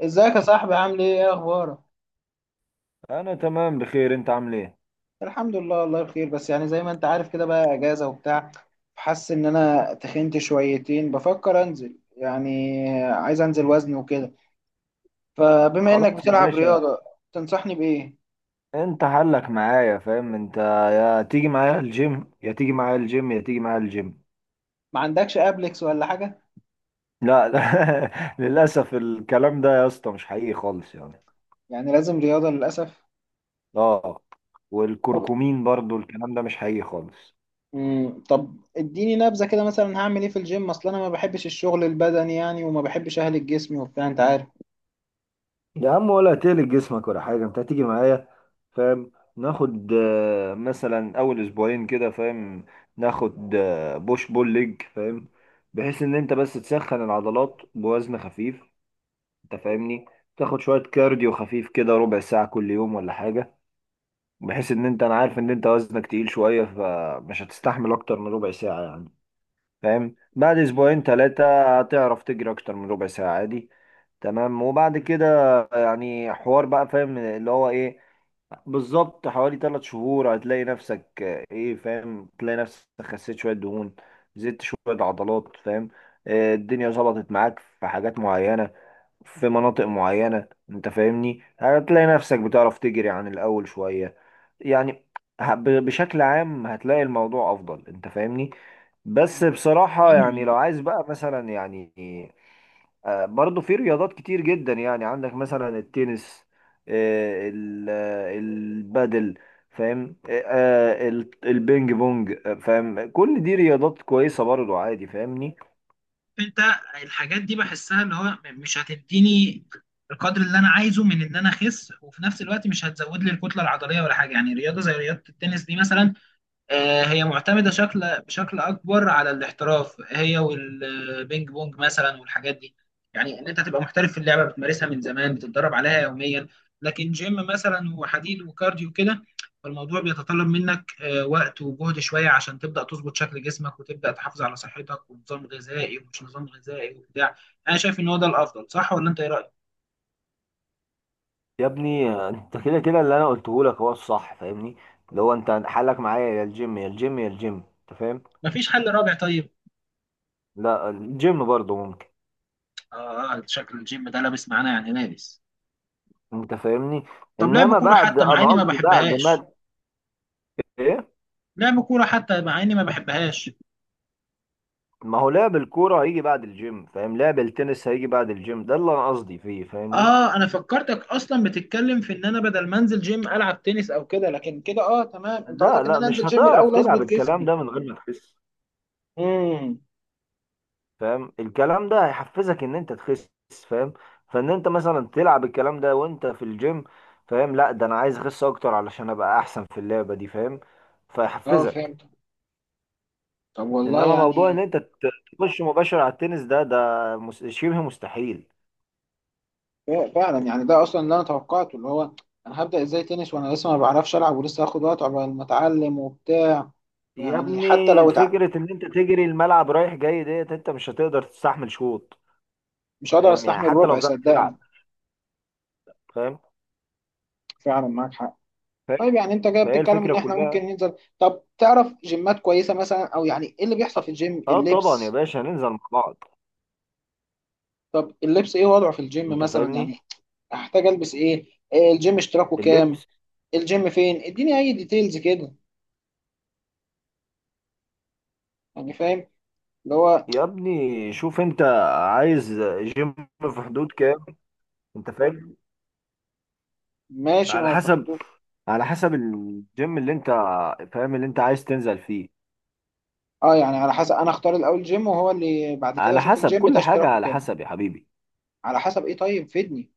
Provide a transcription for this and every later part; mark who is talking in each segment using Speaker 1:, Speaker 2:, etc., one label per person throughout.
Speaker 1: ازيك يا صاحبي؟ عامل ايه؟ اخبارك؟
Speaker 2: انا تمام بخير. انت عامل ايه؟
Speaker 1: الحمد لله، والله بخير، بس يعني زي ما انت عارف كده، بقى اجازه وبتاع. حاسس ان انا تخنت شويتين، بفكر انزل، يعني عايز انزل وزن وكده. فبما انك
Speaker 2: خلاص يا
Speaker 1: بتلعب
Speaker 2: باشا.
Speaker 1: رياضه، تنصحني بايه؟
Speaker 2: انت حلك معايا، فاهم انت؟ يا تيجي معايا الجيم، يا تيجي معايا الجيم، يا تيجي معايا الجيم.
Speaker 1: ما عندكش ابلكس ولا حاجه؟
Speaker 2: لا لا، للاسف الكلام ده يا اسطى مش حقيقي خالص يعني.
Speaker 1: يعني لازم رياضه للاسف؟
Speaker 2: اه.
Speaker 1: طب
Speaker 2: والكركمين برضو الكلام ده مش حقيقي خالص.
Speaker 1: طب اديني نبذه كده، مثلا هعمل ايه في الجيم؟ اصل انا ما بحبش الشغل البدني يعني، وما بحبش اهلك جسمي وبتاع، انت عارف.
Speaker 2: يا عم، ولا هتقلق جسمك ولا حاجة، انت هتيجي معايا. فاهم؟ ناخد مثلا اول اسبوعين كده، فاهم؟ ناخد بوش بول ليج، فاهم؟ بحيث ان انت بس تسخن العضلات بوزن خفيف. انت فاهمني؟ تاخد شوية كارديو خفيف كده، ربع ساعة كل يوم ولا حاجة. بحيث ان انت، انا عارف ان انت وزنك تقيل شوية، فمش هتستحمل اكتر من ربع ساعة يعني. فاهم؟ بعد اسبوعين ثلاثة هتعرف تجري اكتر من ربع ساعة عادي. تمام؟ وبعد كده يعني حوار بقى، فاهم اللي هو ايه، بالظبط حوالي ثلاث شهور هتلاقي نفسك، ايه، فاهم؟ تلاقي نفسك خسيت شوية دهون، زدت شوية عضلات، فاهم؟ الدنيا ظبطت معاك في حاجات معينة، في مناطق معينة. انت فاهمني؟ هتلاقي نفسك بتعرف تجري عن الأول شوية يعني. بشكل عام هتلاقي الموضوع أفضل. انت فاهمني؟ بس بصراحة، يعني لو عايز بقى مثلا يعني، برضو في رياضات كتير جدا، يعني عندك مثلا التنس، البادل، فاهم؟ البينج بونج، فاهم؟ كل دي رياضات كويسة برضو، عادي، فاهمني؟
Speaker 1: انت الحاجات دي بحسها اللي هو مش هتديني القدر اللي انا عايزه من ان انا اخس، وفي نفس الوقت مش هتزود لي الكتله العضليه ولا حاجه. يعني رياضه زي رياضه التنس دي مثلا، هي معتمدة بشكل أكبر على الاحتراف، هي والبينج بونج مثلا والحاجات دي. يعني إن أنت تبقى محترف في اللعبة، بتمارسها من زمان، بتتدرب عليها يوميا. لكن جيم مثلا وحديد وكارديو كده، فالموضوع بيتطلب منك وقت وجهد شوية عشان تبدأ تظبط شكل جسمك، وتبدأ تحافظ على صحتك ونظام غذائي، ومش نظام غذائي وبتاع. أنا شايف إن هو ده الأفضل، صح ولا أنت إيه رأيك؟
Speaker 2: يا ابني، انت كده كده اللي انا قلته لك هو الصح، فاهمني؟ اللي هو انت حالك معايا يا الجيم يا الجيم يا الجيم. انت فاهم؟
Speaker 1: مفيش حل رابع طيب؟
Speaker 2: لا، الجيم برضه ممكن.
Speaker 1: شكل الجيم ده لابس معانا، يعني لابس.
Speaker 2: انت فاهمني؟
Speaker 1: طب لعب
Speaker 2: انما
Speaker 1: كورة
Speaker 2: بعد،
Speaker 1: حتى مع
Speaker 2: انا
Speaker 1: إني ما
Speaker 2: قصدي بعد
Speaker 1: بحبهاش.
Speaker 2: ما، ايه،
Speaker 1: لعب كورة حتى مع اني ما بحبهاش
Speaker 2: ما هو لعب الكوره هيجي بعد الجيم، فاهم؟ لعب التنس هيجي بعد الجيم، ده اللي انا قصدي فيه، فاهمني؟
Speaker 1: اه، انا فكرتك اصلا بتتكلم في ان انا بدل ما انزل جيم العب تنس او كده، لكن كده اه تمام. انت
Speaker 2: لا
Speaker 1: قصدك ان
Speaker 2: لا،
Speaker 1: انا
Speaker 2: مش
Speaker 1: انزل جيم
Speaker 2: هتعرف
Speaker 1: الاول
Speaker 2: تلعب
Speaker 1: اظبط
Speaker 2: الكلام
Speaker 1: جسمي.
Speaker 2: ده من غير ما تخس.
Speaker 1: امم
Speaker 2: فاهم؟ الكلام ده هيحفزك ان انت تخس. فاهم؟ فان انت مثلا تلعب الكلام ده وانت في الجيم، فاهم؟ لا ده انا عايز اخس اكتر علشان ابقى احسن في اللعبة دي، فاهم؟
Speaker 1: اه،
Speaker 2: فيحفزك.
Speaker 1: فهمت. طب والله
Speaker 2: انما موضوع ان
Speaker 1: يعني.
Speaker 2: تخش مباشر على التنس ده، شبه مستحيل.
Speaker 1: فعلا يعني ده اصلا اللي انا توقعته، اللي هو انا هبدأ ازاي تنس وانا لسه ما بعرفش العب، ولسه هاخد وقت عقبال ما اتعلم وبتاع.
Speaker 2: يا
Speaker 1: يعني حتى
Speaker 2: ابني،
Speaker 1: لو اتعلم
Speaker 2: الفكرة ان انت تجري الملعب رايح جاي ديت، انت مش هتقدر تستحمل شوط.
Speaker 1: مش هقدر
Speaker 2: فاهم؟ يعني
Speaker 1: استحمل
Speaker 2: حتى لو
Speaker 1: ربع،
Speaker 2: بتعرف
Speaker 1: صدقني.
Speaker 2: تلعب. فاهم؟
Speaker 1: فعلا معاك حق.
Speaker 2: فاهم؟
Speaker 1: طيب يعني انت جاي
Speaker 2: فهي
Speaker 1: بتتكلم ان
Speaker 2: الفكرة
Speaker 1: احنا
Speaker 2: كلها.
Speaker 1: ممكن ننزل، طب تعرف جيمات كويسه مثلا؟ او يعني ايه اللي بيحصل في
Speaker 2: اه.
Speaker 1: الجيم،
Speaker 2: آه طبعا يا
Speaker 1: اللبس؟
Speaker 2: باشا، هننزل مع بعض.
Speaker 1: طب اللبس ايه وضعه في الجيم
Speaker 2: انت
Speaker 1: مثلا
Speaker 2: فاهمني؟
Speaker 1: يعني؟ احتاج البس ايه؟ إيه الجيم اشتراكه كام؟
Speaker 2: اللبس.
Speaker 1: الجيم فين؟ اديني اي ديتيلز كده، يعني فاهم، اللي هو.
Speaker 2: يا ابني، شوف انت عايز جيم في حدود كام. انت فاهم؟
Speaker 1: ماشي، ما
Speaker 2: على
Speaker 1: هو في
Speaker 2: حسب،
Speaker 1: حدود.
Speaker 2: على حسب الجيم اللي انت، فاهم، اللي انت عايز تنزل فيه.
Speaker 1: اه، يعني على حسب انا اختار الاول جيم، وهو اللي بعد كده
Speaker 2: على
Speaker 1: اشوف
Speaker 2: حسب
Speaker 1: الجيم ده
Speaker 2: كل حاجة،
Speaker 1: اشتراكه
Speaker 2: على
Speaker 1: كام؟
Speaker 2: حسب يا حبيبي.
Speaker 1: على حسب ايه؟ طيب فيدني.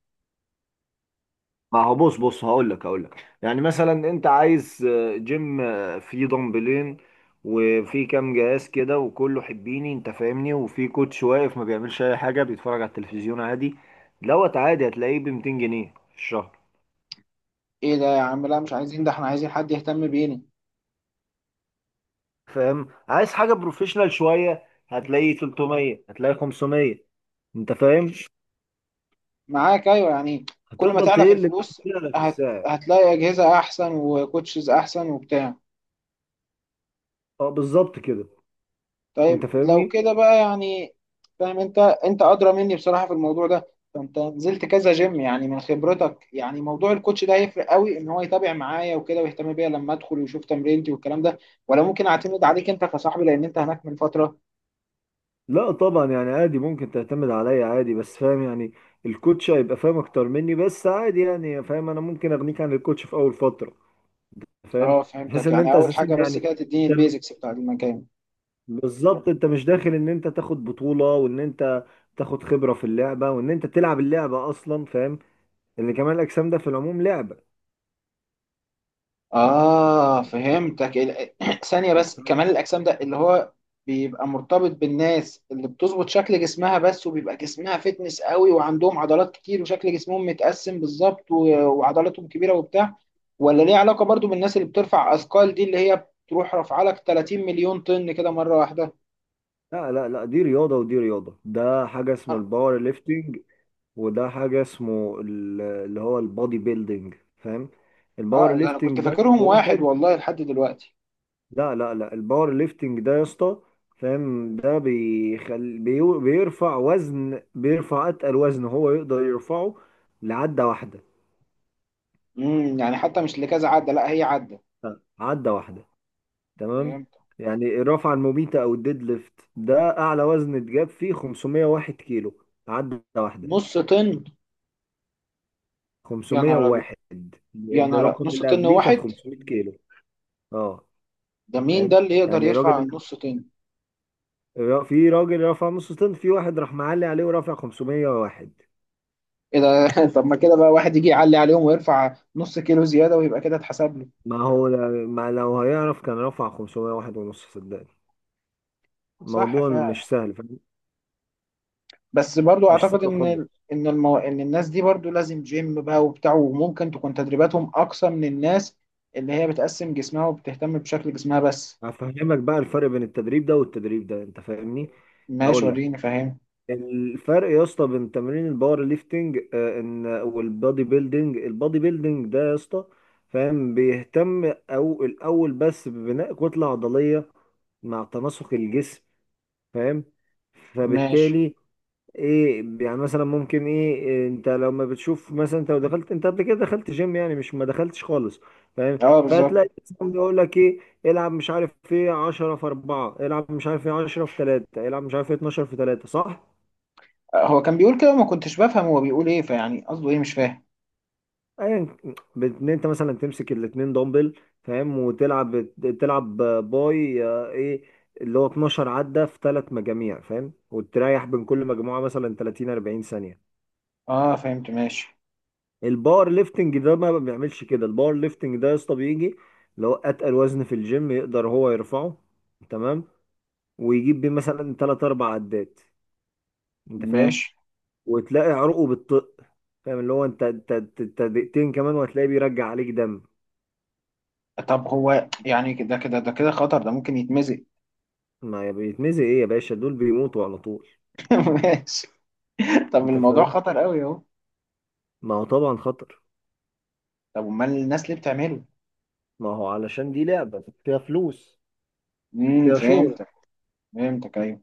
Speaker 2: ما هو بص بص، هقول لك يعني، مثلا انت عايز جيم فيه دمبلين، وفي كام جهاز كده، وكله حبيني، انت فاهمني، وفي كوتش واقف ما بيعملش اي حاجة، بيتفرج على التلفزيون عادي، دوت، عادي هتلاقيه ب 200 جنيه في الشهر.
Speaker 1: ايه ده يا عم؟ لا مش عايزين ده، احنا عايزين حد يهتم بينا.
Speaker 2: فاهم؟ عايز حاجه بروفيشنال شويه، هتلاقي 300، هتلاقي 500. انت فاهم؟
Speaker 1: معاك، ايوه يعني. كل ما
Speaker 2: هتفضل
Speaker 1: تعلى في
Speaker 2: تقل كده
Speaker 1: الفلوس،
Speaker 2: في
Speaker 1: هت...
Speaker 2: السعر.
Speaker 1: هتلاقي اجهزه احسن وكوتشز احسن وبتاع.
Speaker 2: اه بالظبط كده. انت
Speaker 1: طيب لو
Speaker 2: فاهمني؟
Speaker 1: كده بقى يعني، فاهم انت، انت ادرى مني بصراحه في الموضوع ده. فانت نزلت كذا جيم، يعني من خبرتك، يعني موضوع الكوتش ده هيفرق قوي ان هو يتابع معايا وكده ويهتم بيا لما ادخل ويشوف تمرينتي والكلام ده؟ ولا ممكن اعتمد عليك انت كصاحبي لان انت هناك من فتره؟
Speaker 2: لا طبعا، يعني عادي ممكن تعتمد عليا عادي، بس فاهم يعني، الكوتش هيبقى فاهم اكتر مني، بس عادي يعني، فاهم، انا ممكن اغنيك عن الكوتش في اول فتره. فاهم؟
Speaker 1: اه،
Speaker 2: بحيث
Speaker 1: فهمتك.
Speaker 2: ان
Speaker 1: يعني
Speaker 2: انت
Speaker 1: اول
Speaker 2: اساسا
Speaker 1: حاجه بس
Speaker 2: يعني،
Speaker 1: كده تديني
Speaker 2: انت،
Speaker 1: البيزكس بتاع المكان.
Speaker 2: بالظبط انت مش داخل ان انت تاخد بطوله، وان انت تاخد خبره في اللعبه، وان انت تلعب اللعبه اصلا، فاهم، ان كمال الاجسام ده في العموم لعبه.
Speaker 1: آه، فهمتك. ثانية بس.
Speaker 2: طيب.
Speaker 1: كمال الأجسام ده اللي هو بيبقى مرتبط بالناس اللي بتظبط شكل جسمها بس، وبيبقى جسمها فتنس قوي، وعندهم عضلات كتير، وشكل جسمهم متقسم بالظبط، و- وعضلاتهم كبيرة وبتاع. ولا ليه علاقة برضو بالناس اللي بترفع أثقال دي، اللي هي بتروح رافعة لك 30 مليون طن كده مرة واحدة؟
Speaker 2: لا لا لا، دي رياضة ودي رياضة، ده حاجة اسمه
Speaker 1: آه
Speaker 2: الباور ليفتنج، وده اللي هو البودي بيلدينج، فاهم؟ الباور
Speaker 1: ده أنا
Speaker 2: ليفتنج
Speaker 1: كنت
Speaker 2: ده
Speaker 1: فاكرهم واحد،
Speaker 2: واحد.
Speaker 1: والله لحد دلوقتي.
Speaker 2: لا لا لا، الباور ليفتنج ده يا اسطى، فاهم، ده بيرفع وزن، بيرفع اتقل وزن هو يقدر يرفعه لعدة واحدة،
Speaker 1: يعني حتى مش لكذا عدة، لا هي عدة؟
Speaker 2: عدة واحدة. تمام؟
Speaker 1: فهمت.
Speaker 2: يعني الرفعة المميتة او الديد ليفت، ده اعلى وزن اتجاب فيه 501 كيلو، عدة واحدة.
Speaker 1: نص طن؟ يا نهار أبيض.
Speaker 2: 501،
Speaker 1: يا
Speaker 2: لان
Speaker 1: نهار أبيض.
Speaker 2: الرقم
Speaker 1: نص
Speaker 2: اللي
Speaker 1: طن
Speaker 2: قبليه كان
Speaker 1: واحد؟
Speaker 2: 500 كيلو. اه.
Speaker 1: ده مين
Speaker 2: فاهم؟
Speaker 1: ده اللي يقدر
Speaker 2: يعني الراجل
Speaker 1: يرفع
Speaker 2: اللي،
Speaker 1: نص طن؟
Speaker 2: في راجل رفع نص طن، في واحد راح معلي عليه ورفع 501.
Speaker 1: ايه ده! طب ما كده بقى واحد يجي يعلي عليهم ويرفع نص كيلو زيادة ويبقى كده اتحسب له.
Speaker 2: ما هو، ما لو هيعرف كان رفع 501 ونص، صدقني
Speaker 1: صح
Speaker 2: الموضوع
Speaker 1: فعلا.
Speaker 2: مش سهل. فاهم؟
Speaker 1: بس برضو
Speaker 2: مش
Speaker 1: اعتقد
Speaker 2: سهل
Speaker 1: ان
Speaker 2: خالص.
Speaker 1: ال- ان المو... ان الناس دي برضو لازم جيم بقى وبتاع، وممكن تكون تدريباتهم اقصى من الناس اللي هي بتقسم جسمها وبتهتم بشكل جسمها بس.
Speaker 2: هفهمك بقى الفرق بين التدريب ده والتدريب ده. انت فاهمني؟
Speaker 1: ماشي،
Speaker 2: هقول لك،
Speaker 1: وريني، فاهم.
Speaker 2: الفرق يا اسطى بين تمرين الباور ليفتنج ان والبادي بيلدينج، البادي بيلدينج ده يا اسطى، فاهم، بيهتم او الاول بس ببناء كتله عضليه مع تناسق الجسم. فاهم؟
Speaker 1: ماشي.
Speaker 2: فبالتالي ايه يعني، مثلا ممكن ايه إيه، انت لما بتشوف مثلا، انت لو دخلت، انت قبل كده دخلت جيم يعني، مش ما دخلتش خالص. فاهم؟
Speaker 1: اه، بالظبط.
Speaker 2: فهتلاقي مثلاً يقول لك ايه، العب مش عارف ايه 10 في 4، العب مش عارف ايه 10 في 3، العب مش عارف ايه 12 في 3، صح؟
Speaker 1: هو كان بيقول كده، ما كنتش بفهم هو بيقول ايه، فيعني قصده ايه مش فاهم.
Speaker 2: ايا، ان انت مثلا تمسك الاتنين دمبل، فاهم، وتلعب، تلعب باي ايه، اللي هو 12 عدة في ثلاث مجاميع، فاهم، وتريح بين كل مجموعة مثلا 30 40 ثانية.
Speaker 1: اه، فهمت. ماشي
Speaker 2: الباور ليفتنج ده ما بيعملش كده، الباور ليفتنج ده يا اسطى بيجي اللي هو اتقل وزن في الجيم يقدر هو يرفعه، تمام، ويجيب بيه مثلا 3 4 عدات. انت فاهم؟
Speaker 1: ماشي
Speaker 2: وتلاقي عروقه بتطق، فاهم، اللي هو انت، أنت دقيقتين كمان وهتلاقيه بيرجع عليك دم.
Speaker 1: طب هو يعني كده كده، ده كده خطر، ده ممكن يتمزق.
Speaker 2: ما بيتمزق ايه يا باشا، دول بيموتوا على طول.
Speaker 1: ماشي. طب
Speaker 2: انت
Speaker 1: الموضوع
Speaker 2: فاهم؟
Speaker 1: خطر قوي اهو.
Speaker 2: ما هو طبعا خطر.
Speaker 1: طب امال الناس ليه بتعمله؟
Speaker 2: ما هو علشان دي لعبة فيها فلوس،
Speaker 1: امم
Speaker 2: فيها شهرة.
Speaker 1: فهمتك فهمتك ايوه.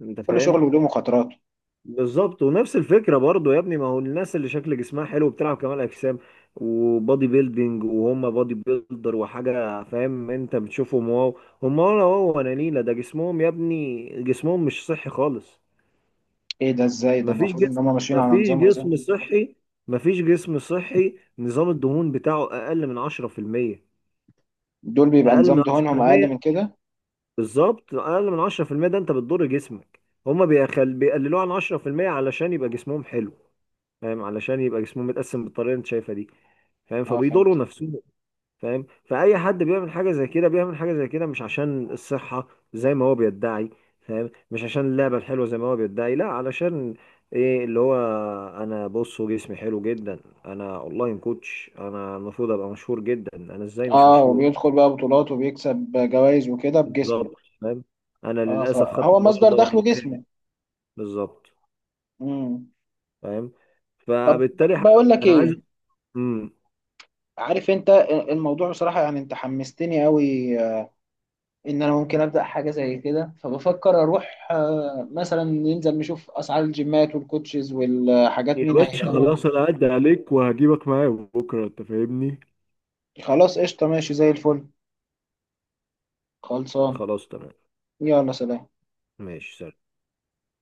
Speaker 2: انت
Speaker 1: كل
Speaker 2: فاهم؟
Speaker 1: شغل وله مخاطراته.
Speaker 2: بالظبط. ونفس الفكرة برضو يا ابني، ما هو الناس اللي شكل جسمها حلو بتلعب كمال اجسام وبادي بيلدينج، وهم بادي بيلدر وحاجة، فاهم، انت بتشوفهم واو، هم ولا واو ولا نيلة، ده جسمهم يا ابني جسمهم مش صحي خالص.
Speaker 1: ايه ده؟ ازاي ده؟
Speaker 2: مفيش
Speaker 1: المفروض ان
Speaker 2: جسم،
Speaker 1: هم ماشيين على
Speaker 2: مفيش
Speaker 1: نظام غذائي.
Speaker 2: جسم صحي، مفيش جسم صحي، نظام الدهون بتاعه اقل من 10%.
Speaker 1: دول بيبقى
Speaker 2: اقل من
Speaker 1: نظام دهونهم اقل
Speaker 2: 10%،
Speaker 1: من كده؟
Speaker 2: بالظبط اقل من 10%، ده انت بتضر جسمك. هما بيقللوه عن 10% علشان يبقى جسمهم حلو، فاهم، علشان يبقى جسمهم متقسم بالطريقه اللي انت شايفها دي، فاهم،
Speaker 1: اه،
Speaker 2: فبيضروا
Speaker 1: فهمت.
Speaker 2: نفسهم. فاهم؟ فاي حد بيعمل حاجه زي كده، بيعمل حاجه زي كده مش عشان الصحه زي ما هو بيدعي، فاهم، مش عشان اللعبه الحلوه زي ما هو بيدعي، لا، علشان ايه، اللي هو انا بصوا جسمي حلو جدا، انا اونلاين كوتش، انا المفروض ابقى مشهور جدا، انا ازاي مش
Speaker 1: اه،
Speaker 2: مشهور.
Speaker 1: وبيدخل بقى بطولات وبيكسب جوائز وكده بجسمه.
Speaker 2: بالظبط. فاهم؟ انا
Speaker 1: اه،
Speaker 2: للاسف خدت
Speaker 1: فهو مصدر
Speaker 2: النهارده
Speaker 1: دخله
Speaker 2: الخامس.
Speaker 1: جسمه.
Speaker 2: بالظبط.
Speaker 1: امم
Speaker 2: فاهم؟
Speaker 1: طب، ب-
Speaker 2: فبالتالي
Speaker 1: بقول لك
Speaker 2: انا
Speaker 1: ايه.
Speaker 2: عايز، امم.
Speaker 1: عارف انت، الموضوع بصراحة يعني انت حمستني قوي، ان انا ممكن ابدا حاجه زي كده. فبفكر اروح مثلا، ننزل نشوف اسعار الجيمات والكوتشز والحاجات،
Speaker 2: يا
Speaker 1: مين
Speaker 2: باشا
Speaker 1: هيهتم.
Speaker 2: خلاص، انا هعدي عليك وهجيبك معايا بكره. انت فاهمني؟
Speaker 1: خلاص قشطه، ماشي زي الفل. خلصان.
Speaker 2: خلاص تمام.
Speaker 1: يلا، سلام.
Speaker 2: ماشي سلام.